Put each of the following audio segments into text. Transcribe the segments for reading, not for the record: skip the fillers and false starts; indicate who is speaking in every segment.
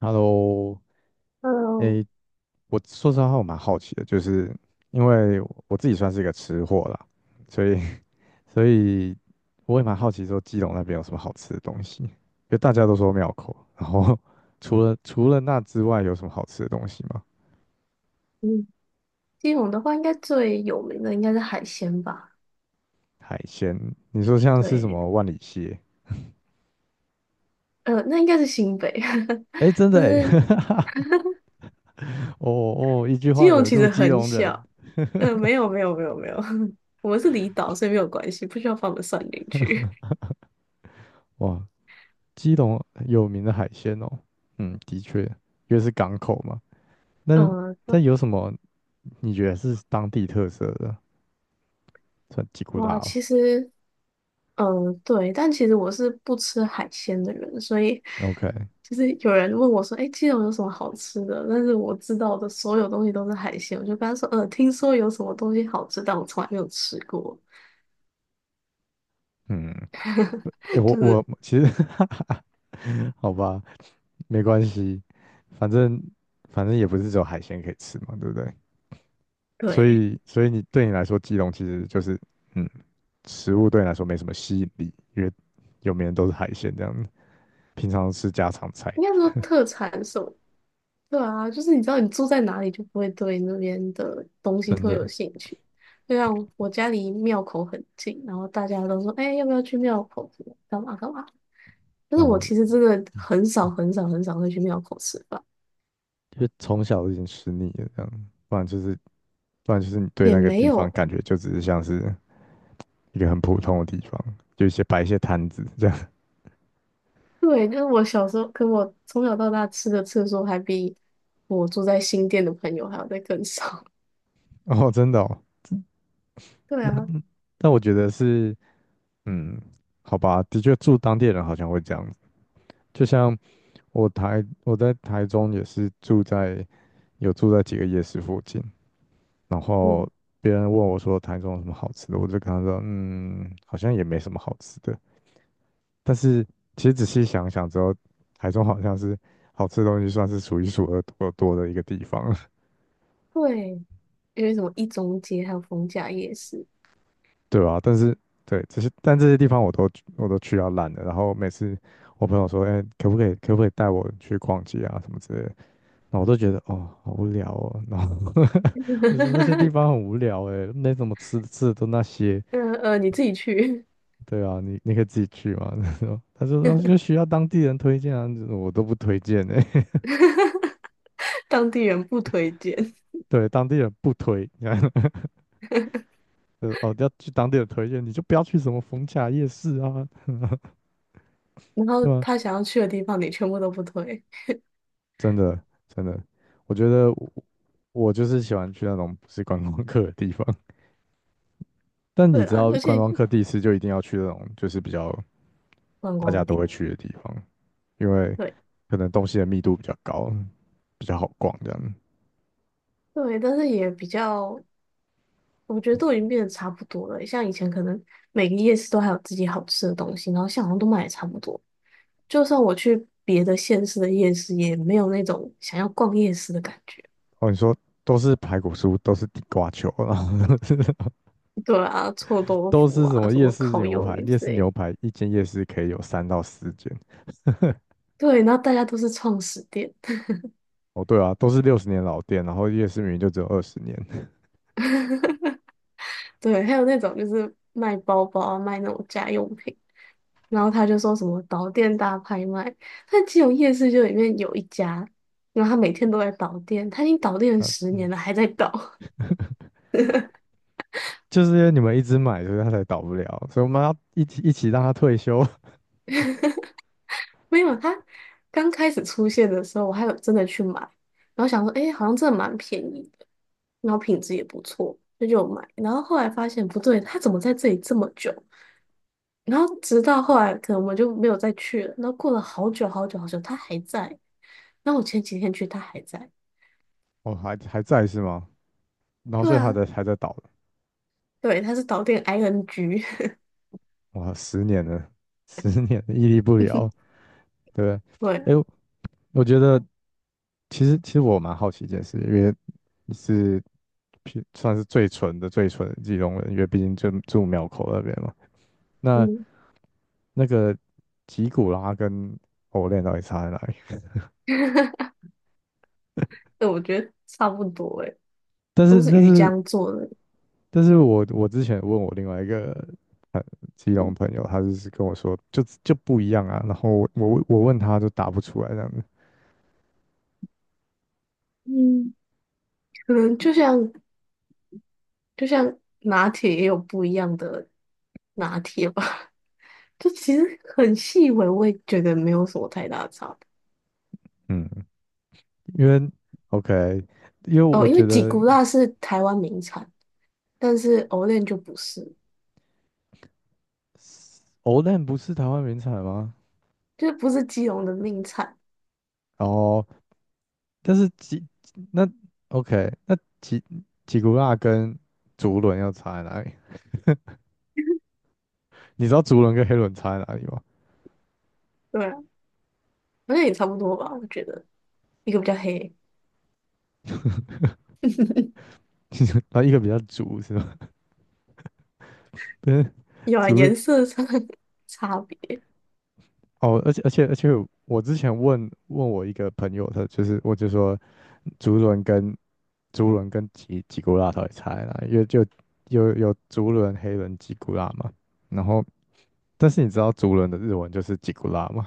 Speaker 1: Hello，
Speaker 2: 嗯
Speaker 1: 诶，我说实话，我蛮好奇的，就是因为我自己算是一个吃货啦，所以 所以我也蛮好奇说基隆那边有什么好吃的东西，因为大家都说庙口，然后 除了那之外，有什么好吃的东西吗？
Speaker 2: 嗯，基隆的话，应该最有名的应该是海鲜吧？
Speaker 1: 海鲜，你说像是什
Speaker 2: 对，
Speaker 1: 么万里蟹？
Speaker 2: 那应该是新北，
Speaker 1: 诶，真的
Speaker 2: 但
Speaker 1: 诶，
Speaker 2: 是
Speaker 1: 哦哦，一句
Speaker 2: 基
Speaker 1: 话
Speaker 2: 隆
Speaker 1: 惹
Speaker 2: 其
Speaker 1: 怒
Speaker 2: 实
Speaker 1: 基
Speaker 2: 很
Speaker 1: 隆人，
Speaker 2: 小。没有没有没有没有，我们是离岛，所以没有关系，不需要放我们算进去。
Speaker 1: 哇，基隆有名的海鲜哦，嗯，的确，因为是港口嘛。那
Speaker 2: 嗯、那
Speaker 1: 有什么你觉得是当地特色的？算吉古拉
Speaker 2: 哇，
Speaker 1: 哦
Speaker 2: 其实，嗯、对，但其实我是不吃海鲜的人，所以
Speaker 1: ，OK，
Speaker 2: 就是有人问我说："哎，基隆有什么好吃的？"但是我知道的所有东西都是海鲜，我就跟他说："听说有什么东西好吃，但我从来没有吃过。"
Speaker 1: 嗯，诶，我
Speaker 2: 就
Speaker 1: 我
Speaker 2: 是
Speaker 1: 其实 好吧，没关系，反正反正也不是只有海鲜可以吃嘛，对不对？所
Speaker 2: 对，
Speaker 1: 以所以你你来说，基隆其实就是嗯，食物对你来说没什么吸引力，因为有名的都是海鲜这样子，平常吃家常菜，
Speaker 2: 应该说特产什么？对啊，就是你知道你住在哪里，就不会对那边的东西
Speaker 1: 真
Speaker 2: 特有
Speaker 1: 的，
Speaker 2: 兴趣。就像我家离庙口很近，然后大家都说："哎、要不要去庙口什么干嘛干嘛？"但是我
Speaker 1: 哦，
Speaker 2: 其实真的很少很少很少会去庙口吃饭，
Speaker 1: 因为从小就已经吃腻了这样，不然就是你对
Speaker 2: 也
Speaker 1: 那个
Speaker 2: 没
Speaker 1: 地
Speaker 2: 有
Speaker 1: 方
Speaker 2: 欸。
Speaker 1: 感觉就只是像是。一个很普通的地方，就一些摆一些摊子这样。
Speaker 2: 对，就是我小时候，可我从小到大吃的次数还比我住在新店的朋友还要再更少。
Speaker 1: 哦，真的哦，
Speaker 2: 对
Speaker 1: 那
Speaker 2: 啊，
Speaker 1: 我觉得是，嗯，好吧，的确住当地人好像会这样子。就像我我在台中也是住在有住在几个夜市附近，然后
Speaker 2: 嗯，
Speaker 1: 别人问我说台中有什么好吃的，我就跟他说，好像也没什么好吃的。但是其实仔细想想之后，台中好像是好吃的东西算是数一数二多的一个地方。
Speaker 2: 对，因为什么一中街还有逢甲夜市，
Speaker 1: 对吧？但是对这些，但这些地方我都去到烂了。然后每次我朋友说：“哎、可不可以带我去逛街啊什么之类的？”那我都觉得哦，好无聊哦。然后 就是那些地方 很无聊哎，没怎么吃的吃的都那些。
Speaker 2: 你自己去，
Speaker 1: 对啊，你可以自己去嘛。他说哦就需要当地人推荐啊，我都不推荐哎。
Speaker 2: 当地人不推荐。
Speaker 1: 对，当地人不推，你看，哦要去当地人推荐，你就不要去什么逢甲夜市啊，
Speaker 2: 然后
Speaker 1: 对吧、
Speaker 2: 他想要去的地方，你全部都不推。
Speaker 1: 真的真的，我觉得我就是喜欢去那种不是观光客的地方。但你
Speaker 2: 对
Speaker 1: 知
Speaker 2: 啦，
Speaker 1: 道，
Speaker 2: 而
Speaker 1: 观
Speaker 2: 且
Speaker 1: 光客第一次就一定要去那种就是比较
Speaker 2: 观
Speaker 1: 大
Speaker 2: 光
Speaker 1: 家
Speaker 2: 的
Speaker 1: 都
Speaker 2: 地
Speaker 1: 会
Speaker 2: 方，
Speaker 1: 去的地方，因为
Speaker 2: 对
Speaker 1: 可能东西的密度比较高，比较好逛这样。
Speaker 2: 对，但是也比较，我觉得都已经变得差不多了。像以前可能每个夜市都还有自己好吃的东西，然后像在好像都卖的差不多。就算我去别的县市的夜市，也没有那种想要逛夜市的感觉。
Speaker 1: 哦，你说都是排骨酥，都是地瓜球啊，然后
Speaker 2: 对啊，臭 豆
Speaker 1: 都
Speaker 2: 腐
Speaker 1: 是什
Speaker 2: 啊，
Speaker 1: 么
Speaker 2: 什
Speaker 1: 夜
Speaker 2: 么
Speaker 1: 市
Speaker 2: 烤
Speaker 1: 牛
Speaker 2: 鱿
Speaker 1: 排？
Speaker 2: 鱼
Speaker 1: 夜
Speaker 2: 之
Speaker 1: 市
Speaker 2: 类的。
Speaker 1: 牛排一间夜市可以有3到4间，
Speaker 2: 对，然后大家都是创始店。
Speaker 1: 哦，对啊，都是60年老店，然后夜市明明就只有20年，
Speaker 2: 对，还有那种就是卖包包啊卖那种家用品，然后他就说什么导电大拍卖，但基隆夜市就里面有一家，然后他每天都在导电，他已经导电 了
Speaker 1: 啊，
Speaker 2: 十年了，还在导。
Speaker 1: 就是因为你们一直买，所以它才倒不了，所以我们要一起让它退休。
Speaker 2: 没有，他刚开始出现的时候，我还有真的去买，然后想说，诶，好像真的蛮便宜的，然后品质也不错，那就有买。然后后来发现不对，他怎么在这里这么久？然后直到后来，可能我就没有再去了。然后过了好久好久好久，它还在。那我前几天去，它还在。
Speaker 1: 哦，还在是吗？然后
Speaker 2: 对
Speaker 1: 所以它
Speaker 2: 啊，
Speaker 1: 在还在倒，
Speaker 2: 对，它是导电 ING,
Speaker 1: 哇，十年了，十年了屹立不了，对不
Speaker 2: 对，
Speaker 1: 对？哎，我觉得其实我蛮好奇一件事，因为你是算是最纯的基隆人，因为毕竟就住庙口那边嘛。那
Speaker 2: 嗯，
Speaker 1: 那个吉古拉跟OLE 到底差在哪里？
Speaker 2: 对，我觉得差不多诶，
Speaker 1: 但是
Speaker 2: 都是
Speaker 1: 但
Speaker 2: 鱼
Speaker 1: 是
Speaker 2: 浆做的，
Speaker 1: 但是我之前问我另外一个基隆朋友，他就是跟我说就不一样啊，然后我问他就答不出来这样子，
Speaker 2: 嗯，可能就像拿铁也有不一样的拿铁吧，就其实很细微，我也觉得没有什么太大的差别。
Speaker 1: 嗯，因为 OK，因为
Speaker 2: 哦，
Speaker 1: 我
Speaker 2: 因为
Speaker 1: 觉
Speaker 2: 吉
Speaker 1: 得
Speaker 2: 古拉是台湾名产，但是 o l e 就不是。
Speaker 1: OLN 不是台湾名产吗？
Speaker 2: 就是不是基隆的名产，
Speaker 1: 哦，但是那 OK，那吉古拉跟竹轮要差在哪里？你知道竹轮跟黑轮差在哪里吗？
Speaker 2: 对啊好像也差不多吧，我觉得一个比较黑，
Speaker 1: 然后一个比较足是吗？不是
Speaker 2: 有啊，
Speaker 1: 足
Speaker 2: 颜色上的 差别，
Speaker 1: 哦，而且，我之前问问我一个朋友，他就是我就说竹轮跟竹轮跟吉古拉到底差在哪里因为就有竹轮、黑轮、吉古拉嘛。然后，但是你知道竹轮的日文就是吉古拉吗？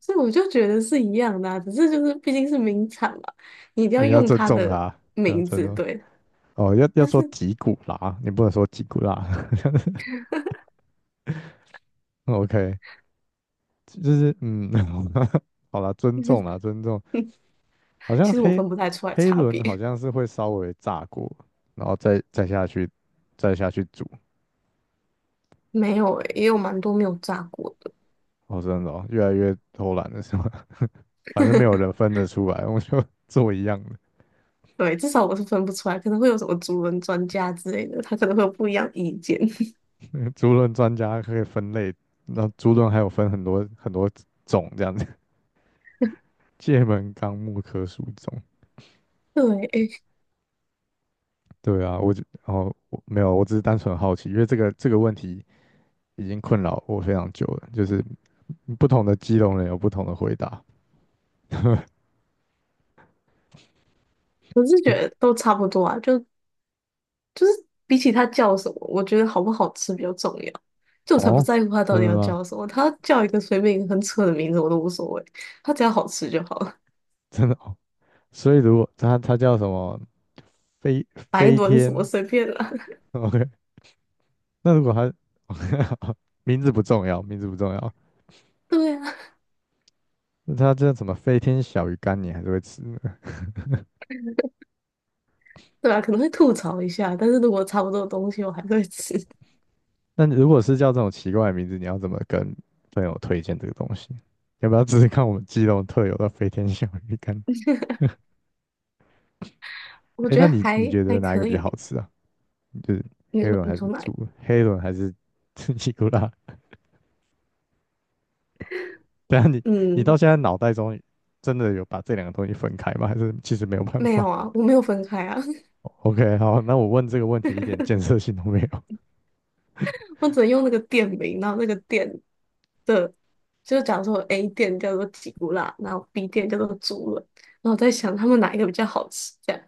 Speaker 2: 所以我就觉得是一样的啊，只是就是毕竟是名产嘛，你一定 要
Speaker 1: 你要
Speaker 2: 用
Speaker 1: 尊
Speaker 2: 它
Speaker 1: 重
Speaker 2: 的
Speaker 1: 他，你要
Speaker 2: 名
Speaker 1: 尊
Speaker 2: 字，
Speaker 1: 重。
Speaker 2: 对，
Speaker 1: 哦，要要
Speaker 2: 它
Speaker 1: 说
Speaker 2: 是，
Speaker 1: 吉古拉，你不能说吉古拉。OK，就是好啦，尊重啦，尊重。好像
Speaker 2: 其实我分不太出来
Speaker 1: 黑
Speaker 2: 差
Speaker 1: 轮好
Speaker 2: 别，
Speaker 1: 像是会稍微炸过，然后再下去，再下去煮。
Speaker 2: 没有诶、也有蛮多没有炸过的，
Speaker 1: 哦，真的哦，越来越偷懒了是吗？反正没有人 分得出来，我就 做一样的。
Speaker 2: 对，至少我是分不出来，可能会有什么主人专家之类的，他可能会有不一样意见，
Speaker 1: 那个猪轮专家可以分类，那猪轮还有分很多很多种这样子，界门纲目科属种。
Speaker 2: 对，诶、
Speaker 1: 对啊，我就哦我没有，我只是单纯好奇，因为这个问题已经困扰我非常久了，就是不同的基隆人有不同的回答。
Speaker 2: 我是觉得都差不多啊，就比起它叫什么，我觉得好不好吃比较重要。就我才不
Speaker 1: 哦，
Speaker 2: 在乎它到
Speaker 1: 真
Speaker 2: 底
Speaker 1: 的
Speaker 2: 要
Speaker 1: 吗？
Speaker 2: 叫什 么，它叫一个随便一个很扯的名字我都无所谓，它只要好吃就好了。
Speaker 1: 真的哦所以如果它叫什么飞
Speaker 2: 白
Speaker 1: 飞
Speaker 2: 轮什么
Speaker 1: 天
Speaker 2: 随便啦，
Speaker 1: ，OK，那如果它 名字不重要，名字不重要，
Speaker 2: 对啊，
Speaker 1: 那它叫什么飞天小鱼干，你还是会吃的。
Speaker 2: 对吧？可能会吐槽一下，但是如果差不多的东西我还是会吃，
Speaker 1: 那如果是叫这种奇怪的名字，你要怎么跟朋友推荐这个东西？要不要试试看我们基隆特有的飞天小鱼干？
Speaker 2: 我
Speaker 1: 哎，
Speaker 2: 觉
Speaker 1: 那
Speaker 2: 得
Speaker 1: 你
Speaker 2: 还
Speaker 1: 觉得
Speaker 2: 还
Speaker 1: 哪一个
Speaker 2: 可
Speaker 1: 比较好
Speaker 2: 以。
Speaker 1: 吃啊？就是
Speaker 2: 你
Speaker 1: 黑
Speaker 2: 说
Speaker 1: 轮还
Speaker 2: 你说
Speaker 1: 是
Speaker 2: 哪一？
Speaker 1: 猪？黑轮还是 尼古拉？等一下你到
Speaker 2: 嗯，
Speaker 1: 现在脑袋中真的有把这两个东西分开吗？还是其实没有办
Speaker 2: 没
Speaker 1: 法？
Speaker 2: 有啊，我没有分开啊，
Speaker 1: OK，好，那我问这个问题一点建设性都没有。
Speaker 2: 我只能用那个店名，然后那个店的，就假如说 A 店叫做吉古拉，然后 B 店叫做猪轮。然后我在想他们哪一个比较好吃，这样。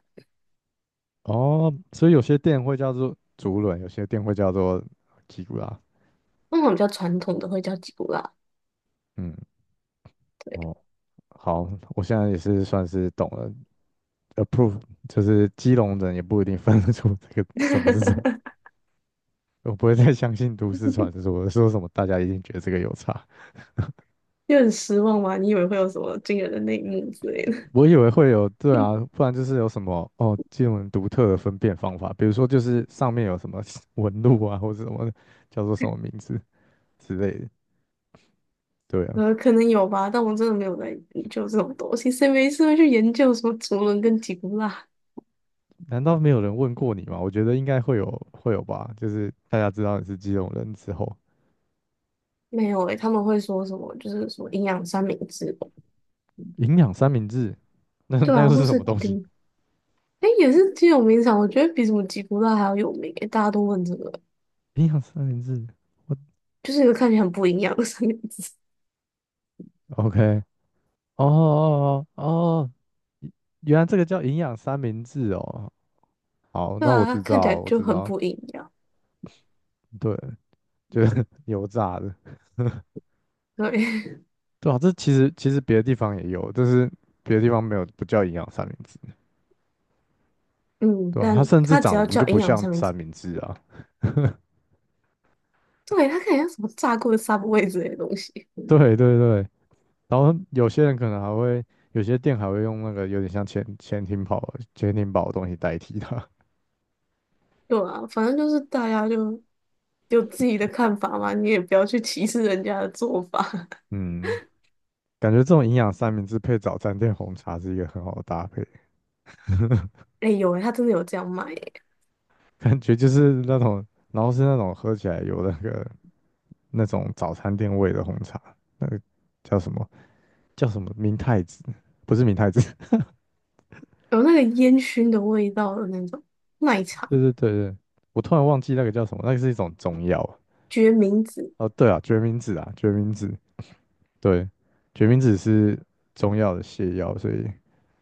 Speaker 1: 哦，所以有些店会叫做竹轮，有些店会叫做吉古拉。
Speaker 2: 那种比较传统的会叫吉古拉，
Speaker 1: 嗯，哦，好，我现在也是算是懂了。Approve 就是基隆人也不一定分得出这个什么是什么，我不会再相信都市传说说什么大家一定觉得这个有差。
Speaker 2: 就很失望嘛。你以为会有什么惊人的内幕之类的？
Speaker 1: 我以为会有，对啊，不然就是有什么哦，基隆人独特的分辨方法，比如说就是上面有什么 纹路啊，或者什么叫做什么名字之类的。对啊。
Speaker 2: 可能有吧，但我真的没有在研究这种东西。谁没事会去研究什么竹轮跟吉古拉？
Speaker 1: 难道没有人问过你吗？我觉得应该会有，会有吧。就是大家知道你是基隆人之后，
Speaker 2: 没有诶、他们会说什么就是什么营养三明治吧
Speaker 1: 营养三明治，
Speaker 2: 对
Speaker 1: 那又
Speaker 2: 啊，或
Speaker 1: 是什
Speaker 2: 是
Speaker 1: 么东西？
Speaker 2: 顶诶、也是挺有名场，我觉得比什么吉古拉还要有名诶、大家都问这个，
Speaker 1: 营养三明治，我
Speaker 2: 就是一个看起来很不营养的三明治。
Speaker 1: OK，哦哦哦哦，原来这个叫营养三明治哦。好，
Speaker 2: 对
Speaker 1: 那我
Speaker 2: 啊，
Speaker 1: 知
Speaker 2: 看起来
Speaker 1: 道，我
Speaker 2: 就
Speaker 1: 知
Speaker 2: 很
Speaker 1: 道，
Speaker 2: 不营养。
Speaker 1: 对，就是 油炸的，
Speaker 2: 对，
Speaker 1: 对啊，这其实别的地方也有，就是别的地方没有，不叫营养三明治，
Speaker 2: 嗯，
Speaker 1: 对吧、它
Speaker 2: 但
Speaker 1: 甚至
Speaker 2: 它只
Speaker 1: 长得
Speaker 2: 要
Speaker 1: 不就
Speaker 2: 叫
Speaker 1: 不
Speaker 2: 营养
Speaker 1: 像
Speaker 2: 三明治。
Speaker 1: 三明治啊？
Speaker 2: 对，他看起来像什么炸过的 Subway 之类的东西。
Speaker 1: 对对对，然后有些人可能还会，有些店还会用那个有点像潜艇堡的东西代替它。
Speaker 2: 对啊，反正就是大家就有自己的看法嘛，你也不要去歧视人家的做法。
Speaker 1: 嗯，感觉这种营养三明治配早餐店红茶是一个很好的搭配，
Speaker 2: 哎、有哎、他真的有这样卖、欸，
Speaker 1: 感觉就是那种，然后是那种喝起来有那个那种早餐店味的红茶，那个叫什么叫什么明太子，不是明太子，
Speaker 2: 有那个烟熏的味道的那种奶茶
Speaker 1: 对对对对，我突然忘记那个叫什么，那个是一种中药。
Speaker 2: 决明子
Speaker 1: 哦，对啊，决明子啊，决明子，对，决明子是中药的泻药，所以。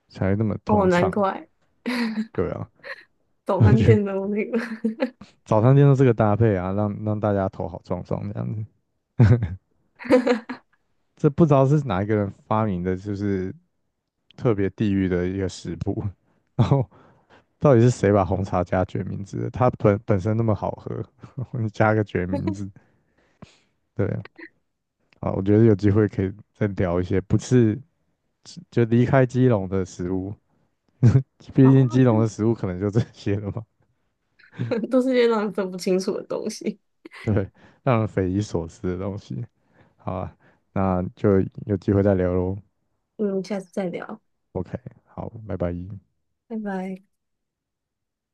Speaker 1: 才那么
Speaker 2: 哦，
Speaker 1: 通
Speaker 2: 难
Speaker 1: 畅。
Speaker 2: 怪
Speaker 1: 对啊，
Speaker 2: 早
Speaker 1: 我
Speaker 2: 餐
Speaker 1: 觉得
Speaker 2: 店都有那个，
Speaker 1: 早餐店都这个搭配啊，让大家头好撞撞这样子。这不知道是哪一个人发明的，就是特别地狱的一个食谱。然后到底是谁把红茶加决明子的它本身那么好喝，你加个决明子，对啊。好我觉得有机会可以再聊一些不是就离开基隆的食物，
Speaker 2: 好
Speaker 1: 毕竟
Speaker 2: 啊，
Speaker 1: 基隆的食物可能就这些了嘛。
Speaker 2: 都是些让人分不清楚的东西。
Speaker 1: 对，让人匪夷所思的东西。好啊，那就有机会再聊喽。
Speaker 2: 嗯，下次再聊，
Speaker 1: OK，好，拜拜。
Speaker 2: 拜拜。